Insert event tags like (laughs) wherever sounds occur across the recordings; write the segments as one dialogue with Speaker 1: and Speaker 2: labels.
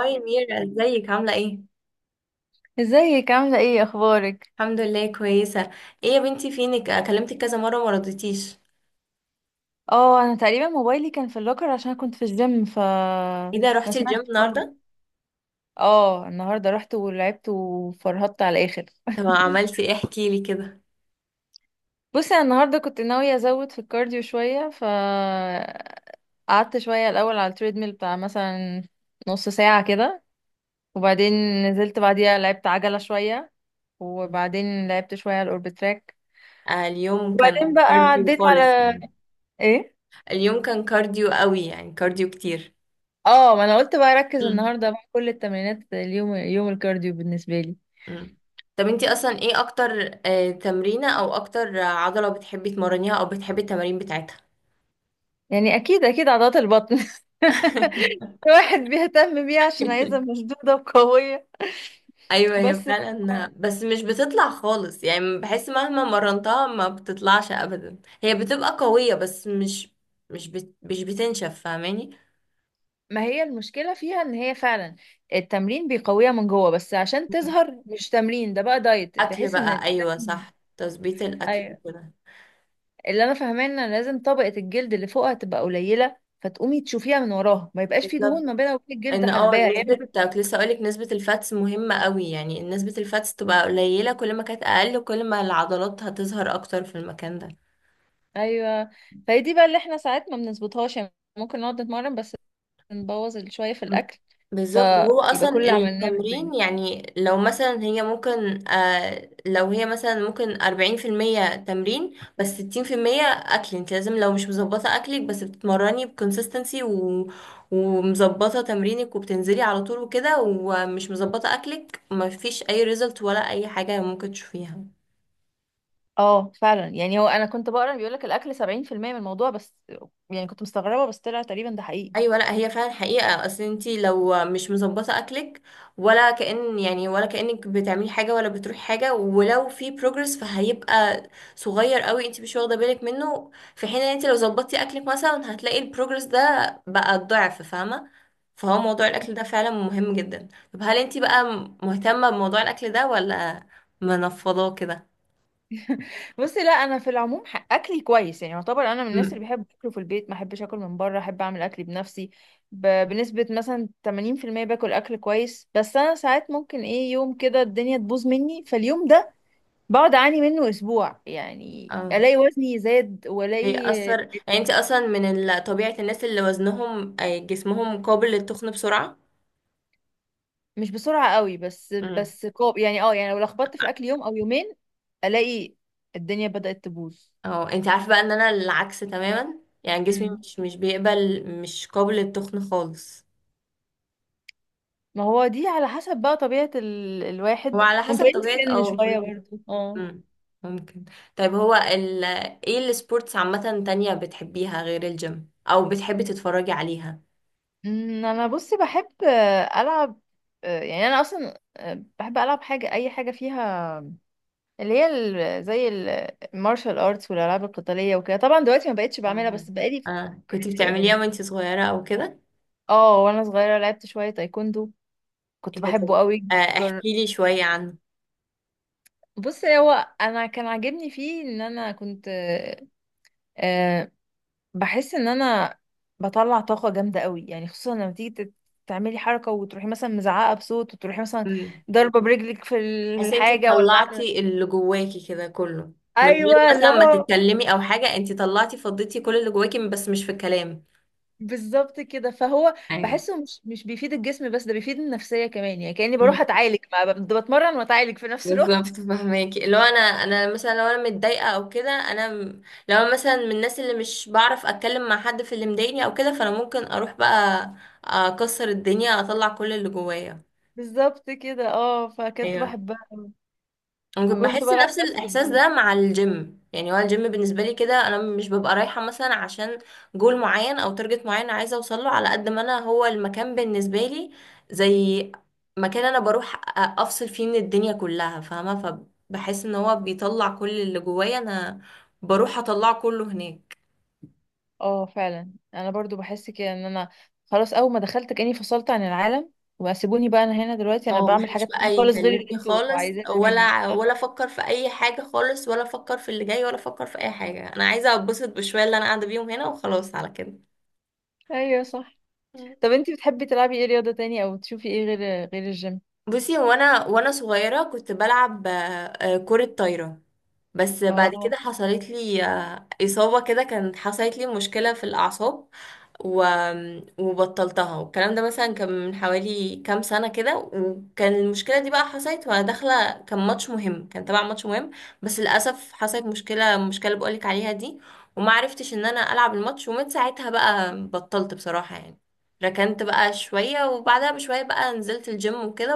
Speaker 1: هاي ميرا، ازيك عاملة ايه؟
Speaker 2: ازيك عاملة ايه اخبارك؟
Speaker 1: الحمد لله، كويسة. ايه يا بنتي فينك؟ كلمتك كذا مرة وما رضيتيش.
Speaker 2: اه، انا تقريبا موبايلي كان في اللوكر عشان كنت في الجيم، ف
Speaker 1: ايه ده،
Speaker 2: ما
Speaker 1: رحتي الجيم
Speaker 2: سمعتش خالص.
Speaker 1: النهاردة؟
Speaker 2: اه النهارده رحت ولعبت وفرهدت على الاخر (laughs)
Speaker 1: طب عملتي ايه؟ احكي لي كده.
Speaker 2: بصي، انا النهارده كنت ناوية ازود في الكارديو شوية، ف قعدت شوية الاول على التريدميل بتاع مثلا نص ساعة كده، وبعدين نزلت بعديها لعبت عجلة شوية، وبعدين لعبت شوية على الاوربت تراك،
Speaker 1: آه، اليوم
Speaker 2: وبعدين
Speaker 1: كان
Speaker 2: بقى
Speaker 1: كارديو
Speaker 2: عديت
Speaker 1: خالص
Speaker 2: على
Speaker 1: يعني.
Speaker 2: ايه.
Speaker 1: اليوم كان كارديو قوي يعني، كارديو كتير.
Speaker 2: اه، ما انا قلت بقى اركز
Speaker 1: مم.
Speaker 2: النهارده، بقى كل التمرينات اليوم يوم الكارديو بالنسبه لي.
Speaker 1: مم. طب انتي اصلا ايه اكتر تمرينة او اكتر عضلة بتحبي تمرنيها او بتحبي التمارين بتاعتها؟
Speaker 2: يعني اكيد اكيد عضلات البطن (laughs)
Speaker 1: (laughs)
Speaker 2: الواحد بيهتم بيها عشان عايزها مشدوده وقويه
Speaker 1: ايوه، هي
Speaker 2: بس.
Speaker 1: فعلا. بس مش بتطلع خالص يعني، بحس مهما مرنتها ما بتطلعش ابدا، هي بتبقى قوية بس مش بتنشف، فاهماني.
Speaker 2: ما هي المشكله فيها ان هي فعلا التمرين بيقويها من جوه، بس عشان تظهر مش تمرين، ده بقى دايت،
Speaker 1: اكل
Speaker 2: بحيث ان
Speaker 1: بقى، ايوه
Speaker 2: لازم.
Speaker 1: صح، تظبيط الاكل
Speaker 2: ايوه،
Speaker 1: كده.
Speaker 2: اللي انا فاهماه ان لازم طبقه الجلد اللي فوقها تبقى قليله، فتقومي تشوفيها من وراها، ما يبقاش في
Speaker 1: بالظبط.
Speaker 2: دهون ما بينها وبين الجلد
Speaker 1: ان
Speaker 2: حجباها
Speaker 1: نسبة،
Speaker 2: يعني.
Speaker 1: كنت لسه اقولك نسبة الفاتس مهمة قوي، يعني نسبة الفاتس تبقى قليلة، كل ما كانت اقل كل ما العضلات هتظهر اكتر في المكان ده.
Speaker 2: ايوه، فهي دي بقى اللي احنا ساعات ما بنظبطهاش يعني. ممكن نقعد نتمرن بس نبوظ شويه في الاكل،
Speaker 1: بالظبط، هو
Speaker 2: فيبقى
Speaker 1: اصلا
Speaker 2: كل اللي عملناه في البيت.
Speaker 1: التمرين يعني لو مثلا هي ممكن، لو هي مثلا ممكن 40% تمرين بس 60% أكل. انت لازم لو مش مظبطة أكلك بس بتتمرني بكونسستنسي ومظبطة تمرينك وبتنزلي على طول وكده، ومش مظبطة أكلك، مفيش أي ريزلت ولا أي حاجة ممكن تشوفيها.
Speaker 2: اه فعلا، يعني هو انا كنت بقرا بيقول لك الاكل 70% من الموضوع بس. يعني كنت مستغربه، بس طلع تقريبا ده حقيقي.
Speaker 1: ايوه، لا هي فعلا حقيقه، اصل انتي لو مش مظبطه اكلك، ولا كأن يعني، ولا كأنك بتعملي حاجه، ولا بتروحي حاجه. ولو في بروجرس فهيبقى صغير قوي، انتي مش واخده بالك منه، في حين ان انتي لو ظبطتي اكلك مثلا هتلاقي البروجرس ده بقى الضعف، فاهمه؟ فهو موضوع الاكل ده فعلا مهم جدا. طب هل انتي بقى مهتمه بموضوع الاكل ده ولا منفضاه كده؟
Speaker 2: بصي، لا انا في العموم اكلي كويس، يعني يعتبر انا من الناس اللي
Speaker 1: امم.
Speaker 2: بحب اكله في البيت، ما احبش اكل من بره، احب اعمل اكلي بنفسي. بنسبه مثلا 80% باكل اكل كويس، بس انا ساعات ممكن ايه يوم كده الدنيا تبوظ مني، فاليوم ده بقعد اعاني منه اسبوع، يعني
Speaker 1: اه،
Speaker 2: الاقي وزني زاد والاقي.
Speaker 1: بيأثر. يعني انتي اصلا من طبيعه الناس اللي وزنهم، جسمهم قابل للتخن بسرعه.
Speaker 2: مش بسرعه قوي، بس
Speaker 1: امم.
Speaker 2: كوب يعني، اه يعني لو لخبطت في الاكل يوم او يومين الاقي الدنيا بدات تبوظ.
Speaker 1: اه، انت عارفه بقى ان انا العكس تماما، يعني جسمي
Speaker 2: امم،
Speaker 1: مش بيقبل، مش قابل للتخن خالص.
Speaker 2: ما هو دي على حسب بقى طبيعه
Speaker 1: هو
Speaker 2: الواحد،
Speaker 1: على حسب
Speaker 2: ومتهيألي
Speaker 1: طبيعه
Speaker 2: السن شويه
Speaker 1: كل.
Speaker 2: برضه، اه.
Speaker 1: امم، ممكن. طيب، هو ايه السبورتس عامه تانية بتحبيها غير الجيم او بتحبي تتفرجي عليها؟
Speaker 2: أمم، انا بصي بحب، العب، يعني انا اصلا بحب العب حاجه، اي حاجه فيها اللي هي زي المارشال ارتس والالعاب القتاليه وكده. طبعا دلوقتي ما بقتش بعملها
Speaker 1: آه.
Speaker 2: بس بقالي.
Speaker 1: آه. كنت بتعمليها
Speaker 2: من،
Speaker 1: وانت صغيره او كده؟
Speaker 2: اه وانا صغيره لعبت شويه تايكوندو. كنت
Speaker 1: ايه ده؟ طب،
Speaker 2: بحبه قوي. جر...
Speaker 1: احكي لي شويه عنه.
Speaker 2: بص، هو انا كان عاجبني فيه ان انا كنت، آه بحس ان انا بطلع طاقه جامده قوي يعني، خصوصا لما تيجي تعملي حركه وتروحي مثلا مزعقه بصوت، وتروحي مثلا ضربه برجلك في
Speaker 1: تحسي انت
Speaker 2: الحاجه ولا
Speaker 1: طلعتي
Speaker 2: عامله.
Speaker 1: اللي جواكي كده كله، من غير
Speaker 2: ايوه اللي
Speaker 1: مثلا ما
Speaker 2: هو
Speaker 1: تتكلمي او حاجه، انت طلعتي فضيتي كل اللي جواكي بس مش في الكلام.
Speaker 2: بالظبط كده، فهو
Speaker 1: ايوه.
Speaker 2: بحسه مش مش بيفيد الجسم بس، ده بيفيد النفسية كمان، يعني كأني
Speaker 1: مم.
Speaker 2: بروح أتعالج، مع بتمرن وأتعالج في نفس
Speaker 1: بالظبط،
Speaker 2: الوقت.
Speaker 1: فهماكي. لو انا مثلا، لو انا متضايقه او كده، لو أنا مثلا من الناس اللي مش بعرف اتكلم مع حد في اللي مضايقني او كده، فانا ممكن اروح بقى اكسر الدنيا اطلع كل اللي جوايا.
Speaker 2: (laughs) بالظبط كده، اه، فكنت
Speaker 1: ايوه.
Speaker 2: بحبها.
Speaker 1: ممكن
Speaker 2: وكنت
Speaker 1: بحس
Speaker 2: بلعب
Speaker 1: نفس
Speaker 2: باسكت
Speaker 1: الاحساس
Speaker 2: برضه.
Speaker 1: ده مع الجيم، يعني هو الجيم بالنسبه لي كده انا مش ببقى رايحه مثلا عشان جول معين او تارجت معين عايزه اوصل له على قد ما انا، هو المكان بالنسبه لي زي مكان انا بروح افصل فيه من الدنيا كلها، فاهمه؟ فبحس ان هو بيطلع كل اللي جوايا، انا بروح اطلعه كله هناك.
Speaker 2: اه فعلا انا برضو بحس كده، ان انا خلاص اول ما دخلت كأني فصلت عن العالم، واسيبوني بقى انا هنا دلوقتي انا
Speaker 1: اه،
Speaker 2: بعمل
Speaker 1: محدش
Speaker 2: حاجات تانية
Speaker 1: بقى
Speaker 2: خالص غير اللي
Speaker 1: يكلمني
Speaker 2: انتوا
Speaker 1: خالص
Speaker 2: عايزينها مني
Speaker 1: ولا
Speaker 2: (laughs)
Speaker 1: افكر في اي حاجه خالص، ولا افكر في اللي جاي، ولا افكر في اي حاجه، انا عايزه اتبسط بشويه اللي انا قاعده بيهم هنا، وخلاص على كده.
Speaker 2: ايوه صح. طب انتي بتحبي تلعبي ايه رياضة تانية او تشوفي ايه غير غير الجيم؟
Speaker 1: بصي، هو انا وانا صغيره كنت بلعب كره طايره. بس بعد كده
Speaker 2: اه
Speaker 1: حصلت لي اصابه كده، كانت حصلت لي مشكله في الاعصاب، و... وبطلتها، والكلام ده مثلا كان من حوالي كام سنه كده، وكان المشكله دي بقى حصلت وانا داخله كان ماتش مهم، كان تبع ماتش مهم. بس للاسف حصلت المشكله اللي بقولك عليها دي، وما عرفتش ان انا العب الماتش، ومن ساعتها بقى بطلت بصراحه يعني. ركنت بقى شوية، وبعدها بشوية بقى نزلت الجيم وكده،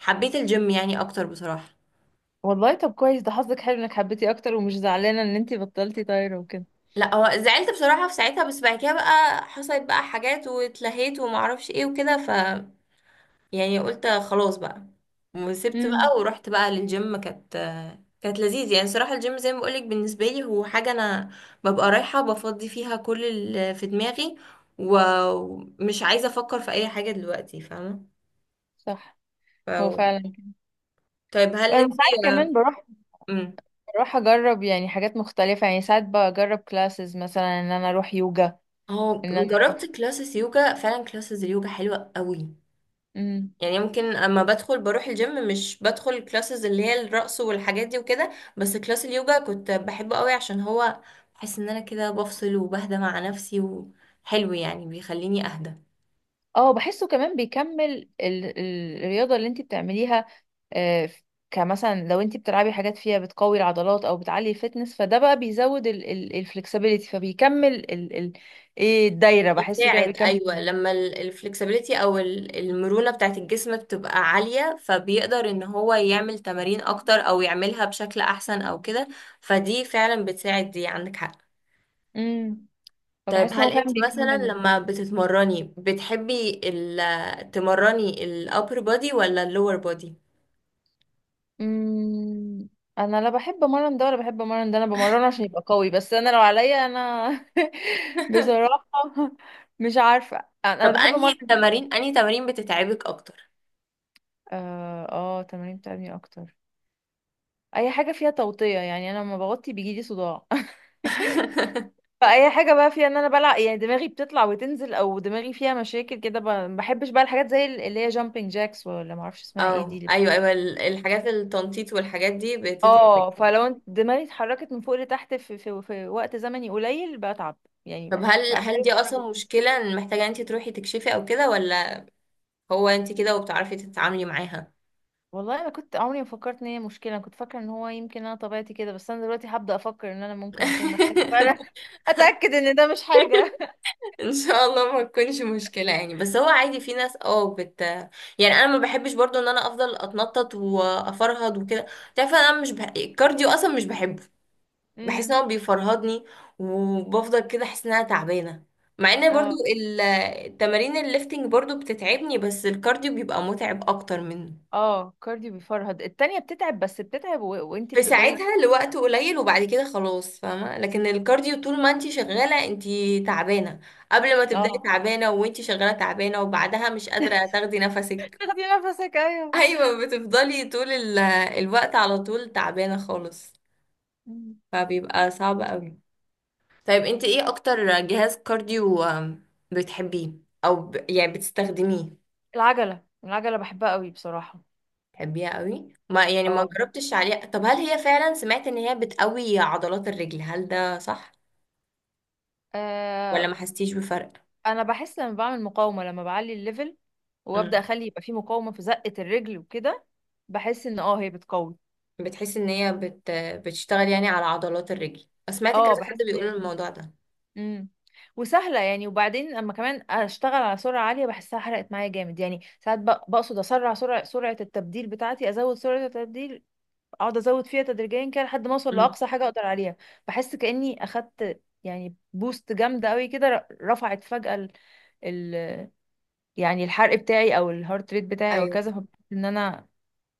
Speaker 1: حبيت الجيم يعني اكتر بصراحة.
Speaker 2: والله، طب كويس، ده حظك حلو انك حبيتي اكتر ومش زعلانه ان انتي بطلتي طايره وكده.
Speaker 1: لا هو زعلت بصراحة في ساعتها، بس بعد كده بقى حصلت بقى حاجات واتلهيت ومعرفش ايه وكده، ف يعني قلت خلاص بقى، وسبت
Speaker 2: امم،
Speaker 1: بقى ورحت بقى للجيم، كانت لذيذ يعني صراحة. الجيم زي ما بقولك بالنسبة لي هو حاجة أنا ببقى رايحة بفضي فيها كل اللي في دماغي، ومش عايزة أفكر في أي حاجة دلوقتي، فاهمة؟
Speaker 2: صح،
Speaker 1: ف...
Speaker 2: هو فعلا كده.
Speaker 1: طيب هل
Speaker 2: انا
Speaker 1: انتي،
Speaker 2: ساعات
Speaker 1: آه،
Speaker 2: كمان
Speaker 1: مم.
Speaker 2: بروح اجرب يعني حاجات مختلفه، يعني ساعات بجرب كلاسز، مثلا ان انا اروح يوجا،
Speaker 1: هو
Speaker 2: ان انا.
Speaker 1: جربت كلاسز يوجا فعلا، كلاسز اليوجا حلوة قوي.
Speaker 2: امم،
Speaker 1: يعني ممكن اما بدخل بروح الجيم مش بدخل كلاسز اللي هي الرقص والحاجات دي وكده، بس كلاس اليوجا كنت بحبه قوي عشان هو، بحس ان انا كده بفصل وبهدى مع نفسي، وحلو يعني بيخليني اهدى.
Speaker 2: اه بحسه كمان بيكمل الرياضه اللي انتي بتعمليها، آه، ف- كمثلا لو انتي بتلعبي حاجات فيها بتقوي العضلات او بتعلي الفتنس، فده بقى بيزود الفلكسبيليتي، فبيكمل ايه، الدايره، بحسه كده
Speaker 1: يساعد،
Speaker 2: بيكمل.
Speaker 1: ايوه. لما الفلكسبيليتي او المرونه بتاعت الجسم بتبقى عاليه، فبيقدر ان هو يعمل تمارين اكتر او يعملها بشكل احسن او كده، فدي فعلا بتساعد، دي عندك حق.
Speaker 2: امم،
Speaker 1: طيب
Speaker 2: فبحس ان
Speaker 1: هل
Speaker 2: هو فعلا
Speaker 1: انت مثلا
Speaker 2: بيكمل.
Speaker 1: لما بتتمرني بتحبي تمرني ال upper body ولا ال lower body؟
Speaker 2: امم، انا لا بحب امرن ده ولا بحب امرن ده، انا بمرنه عشان يبقى قوي، بس انا لو عليا انا (laughs)
Speaker 1: (laughs)
Speaker 2: بصراحة مش عارفة.
Speaker 1: طب
Speaker 2: أنا بحب امرن الظهر.
Speaker 1: انهي تمارين بتتعبك اكتر؟
Speaker 2: اه اه، تمارين بتعبني اكتر اي حاجة فيها توطية، يعني انا لما بغطي بيجيلي صداع (laughs)
Speaker 1: (laughs)
Speaker 2: فاي حاجة بقى فيها ان انا بلع، يعني دماغي بتطلع وتنزل او دماغي فيها مشاكل كده، ما بحبش بقى الحاجات زي اللي هي جامبينج جاكس ولا ما اعرفش اسمها ايه
Speaker 1: اه،
Speaker 2: دي.
Speaker 1: ايوه ايوه، الحاجات التنطيط والحاجات دي بتتعبك.
Speaker 2: اه، دماغي اتحركت من فوق لتحت في وقت زمني قليل بتعب، يعني
Speaker 1: طب
Speaker 2: بحتاج
Speaker 1: هل دي
Speaker 2: اتحرك.
Speaker 1: اصلا مشكلة إن محتاجة انت تروحي تكشفي او كده، ولا هو انت كده وبتعرفي تتعاملي معاها؟
Speaker 2: والله انا كنت عمري ما فكرت ان هي مشكله، انا كنت فاكره ان هو يمكن انا طبيعتي كده، بس انا دلوقتي هبدا افكر ان انا ممكن اكون محتاجه فعلا
Speaker 1: (laughs)
Speaker 2: (laughs) اتاكد ان ده مش حاجه.
Speaker 1: ان شاء الله ما تكونش مشكله يعني، بس هو عادي في ناس اه بت يعني انا ما بحبش برضو ان انا افضل اتنطط وافرهد وكده. تعرف، انا مش الكارديو اصلا مش بحبه، بحس ان
Speaker 2: امم.
Speaker 1: هو بيفرهدني، وبفضل كده احس ان انا تعبانه، مع ان برضو
Speaker 2: اه
Speaker 1: ال- التمارين الليفتنج برضو بتتعبني، بس الكارديو بيبقى متعب اكتر منه.
Speaker 2: اه، كارديو بيفرهد، التانية بتتعب بس بتتعب وانتي
Speaker 1: في
Speaker 2: بتقدري.
Speaker 1: ساعتها لوقت قليل وبعد كده خلاص، فاهمة؟ لكن الكارديو طول ما انتي شغالة انتي تعبانة، قبل ما تبدأي
Speaker 2: اه
Speaker 1: تعبانة، وانتي شغالة تعبانة، وبعدها مش قادرة تاخدي نفسك.
Speaker 2: تاخدي نفسك،
Speaker 1: (laughs)
Speaker 2: ايوه.
Speaker 1: ايوه، بتفضلي طول الوقت على طول تعبانة خالص،
Speaker 2: مم.
Speaker 1: فبيبقى صعب قوي. طيب انتي ايه اكتر جهاز كارديو بتحبيه او يعني بتستخدميه؟
Speaker 2: العجلة بحبها قوي بصراحة.
Speaker 1: بتحبيها قوي؟ ما يعني ما
Speaker 2: اه.
Speaker 1: جربتش عليها. طب هل هي فعلا، سمعت ان هي بتقوي عضلات الرجل، هل ده صح ولا
Speaker 2: آه،
Speaker 1: ما حستيش بفرق؟
Speaker 2: انا بحس لما بعمل مقاومه، لما بعلي الليفل، وابدا
Speaker 1: مم.
Speaker 2: اخلي يبقى في مقاومه في زقه الرجل وكده، بحس ان اه هي بتقوي.
Speaker 1: بتحس ان هي بتشتغل يعني على عضلات الرجل، سمعت
Speaker 2: اه
Speaker 1: كذا حد
Speaker 2: بحس ان
Speaker 1: بيقول
Speaker 2: هي فعلا،
Speaker 1: الموضوع ده.
Speaker 2: امم، وسهله يعني. وبعدين اما كمان اشتغل على سرعه عاليه بحسها حرقت معايا جامد، يعني ساعات بقصد اسرع سرعه التبديل بتاعتي، ازود سرعه التبديل، اقعد ازود فيها تدريجيا كده لحد ما اوصل
Speaker 1: مم.
Speaker 2: لاقصى حاجه اقدر عليها. بحس كاني اخدت يعني بوست جامده قوي كده، رفعت فجاه ال... يعني الحرق بتاعي او الهارت ريت بتاعي او
Speaker 1: ايوه
Speaker 2: كذا، فبحس ان انا،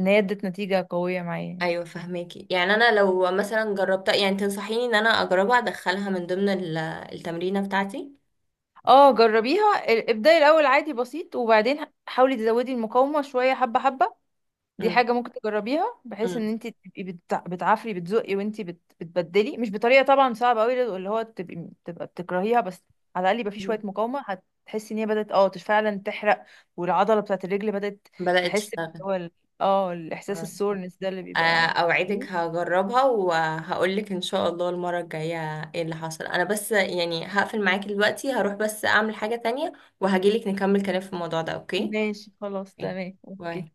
Speaker 2: ان هي ادت نتيجة قوية معايا يعني.
Speaker 1: ايوه، فهماكي. يعني انا لو مثلا جربتها، يعني تنصحيني ان انا اجربها ادخلها من ضمن التمرينه بتاعتي؟
Speaker 2: اه جربيها. ابدأي الاول عادي بسيط، وبعدين حاولي تزودي المقاومة شوية، حبة حبة، دي
Speaker 1: مم.
Speaker 2: حاجة ممكن تجربيها، بحيث ان
Speaker 1: مم.
Speaker 2: انت تبقي بتعافري بتزقي، وانت بتبدلي، مش بطريقة طبعا صعبة قوي اللي هو تبقى بتكرهيها، بس على الاقل يبقى في شوية
Speaker 1: مم.
Speaker 2: مقاومة. هتحسي ان هي بدأت اه فعلا تحرق، والعضلة بتاعت الرجل بدأت
Speaker 1: بدأت
Speaker 2: تحس
Speaker 1: تشتغل.
Speaker 2: هو اه الاحساس،
Speaker 1: آه.
Speaker 2: السورنس ده اللي
Speaker 1: آه،
Speaker 2: بيبقى.
Speaker 1: اوعدك هجربها وهقولك ان شاء الله المره الجايه ايه اللي حصل. انا بس يعني هقفل معاكي دلوقتي، هروح بس اعمل حاجه تانية، وهجيلك نكمل كلام في الموضوع ده، اوكي؟
Speaker 2: ماشي خلاص،
Speaker 1: أوكي.
Speaker 2: تمام،
Speaker 1: باي.
Speaker 2: اوكي.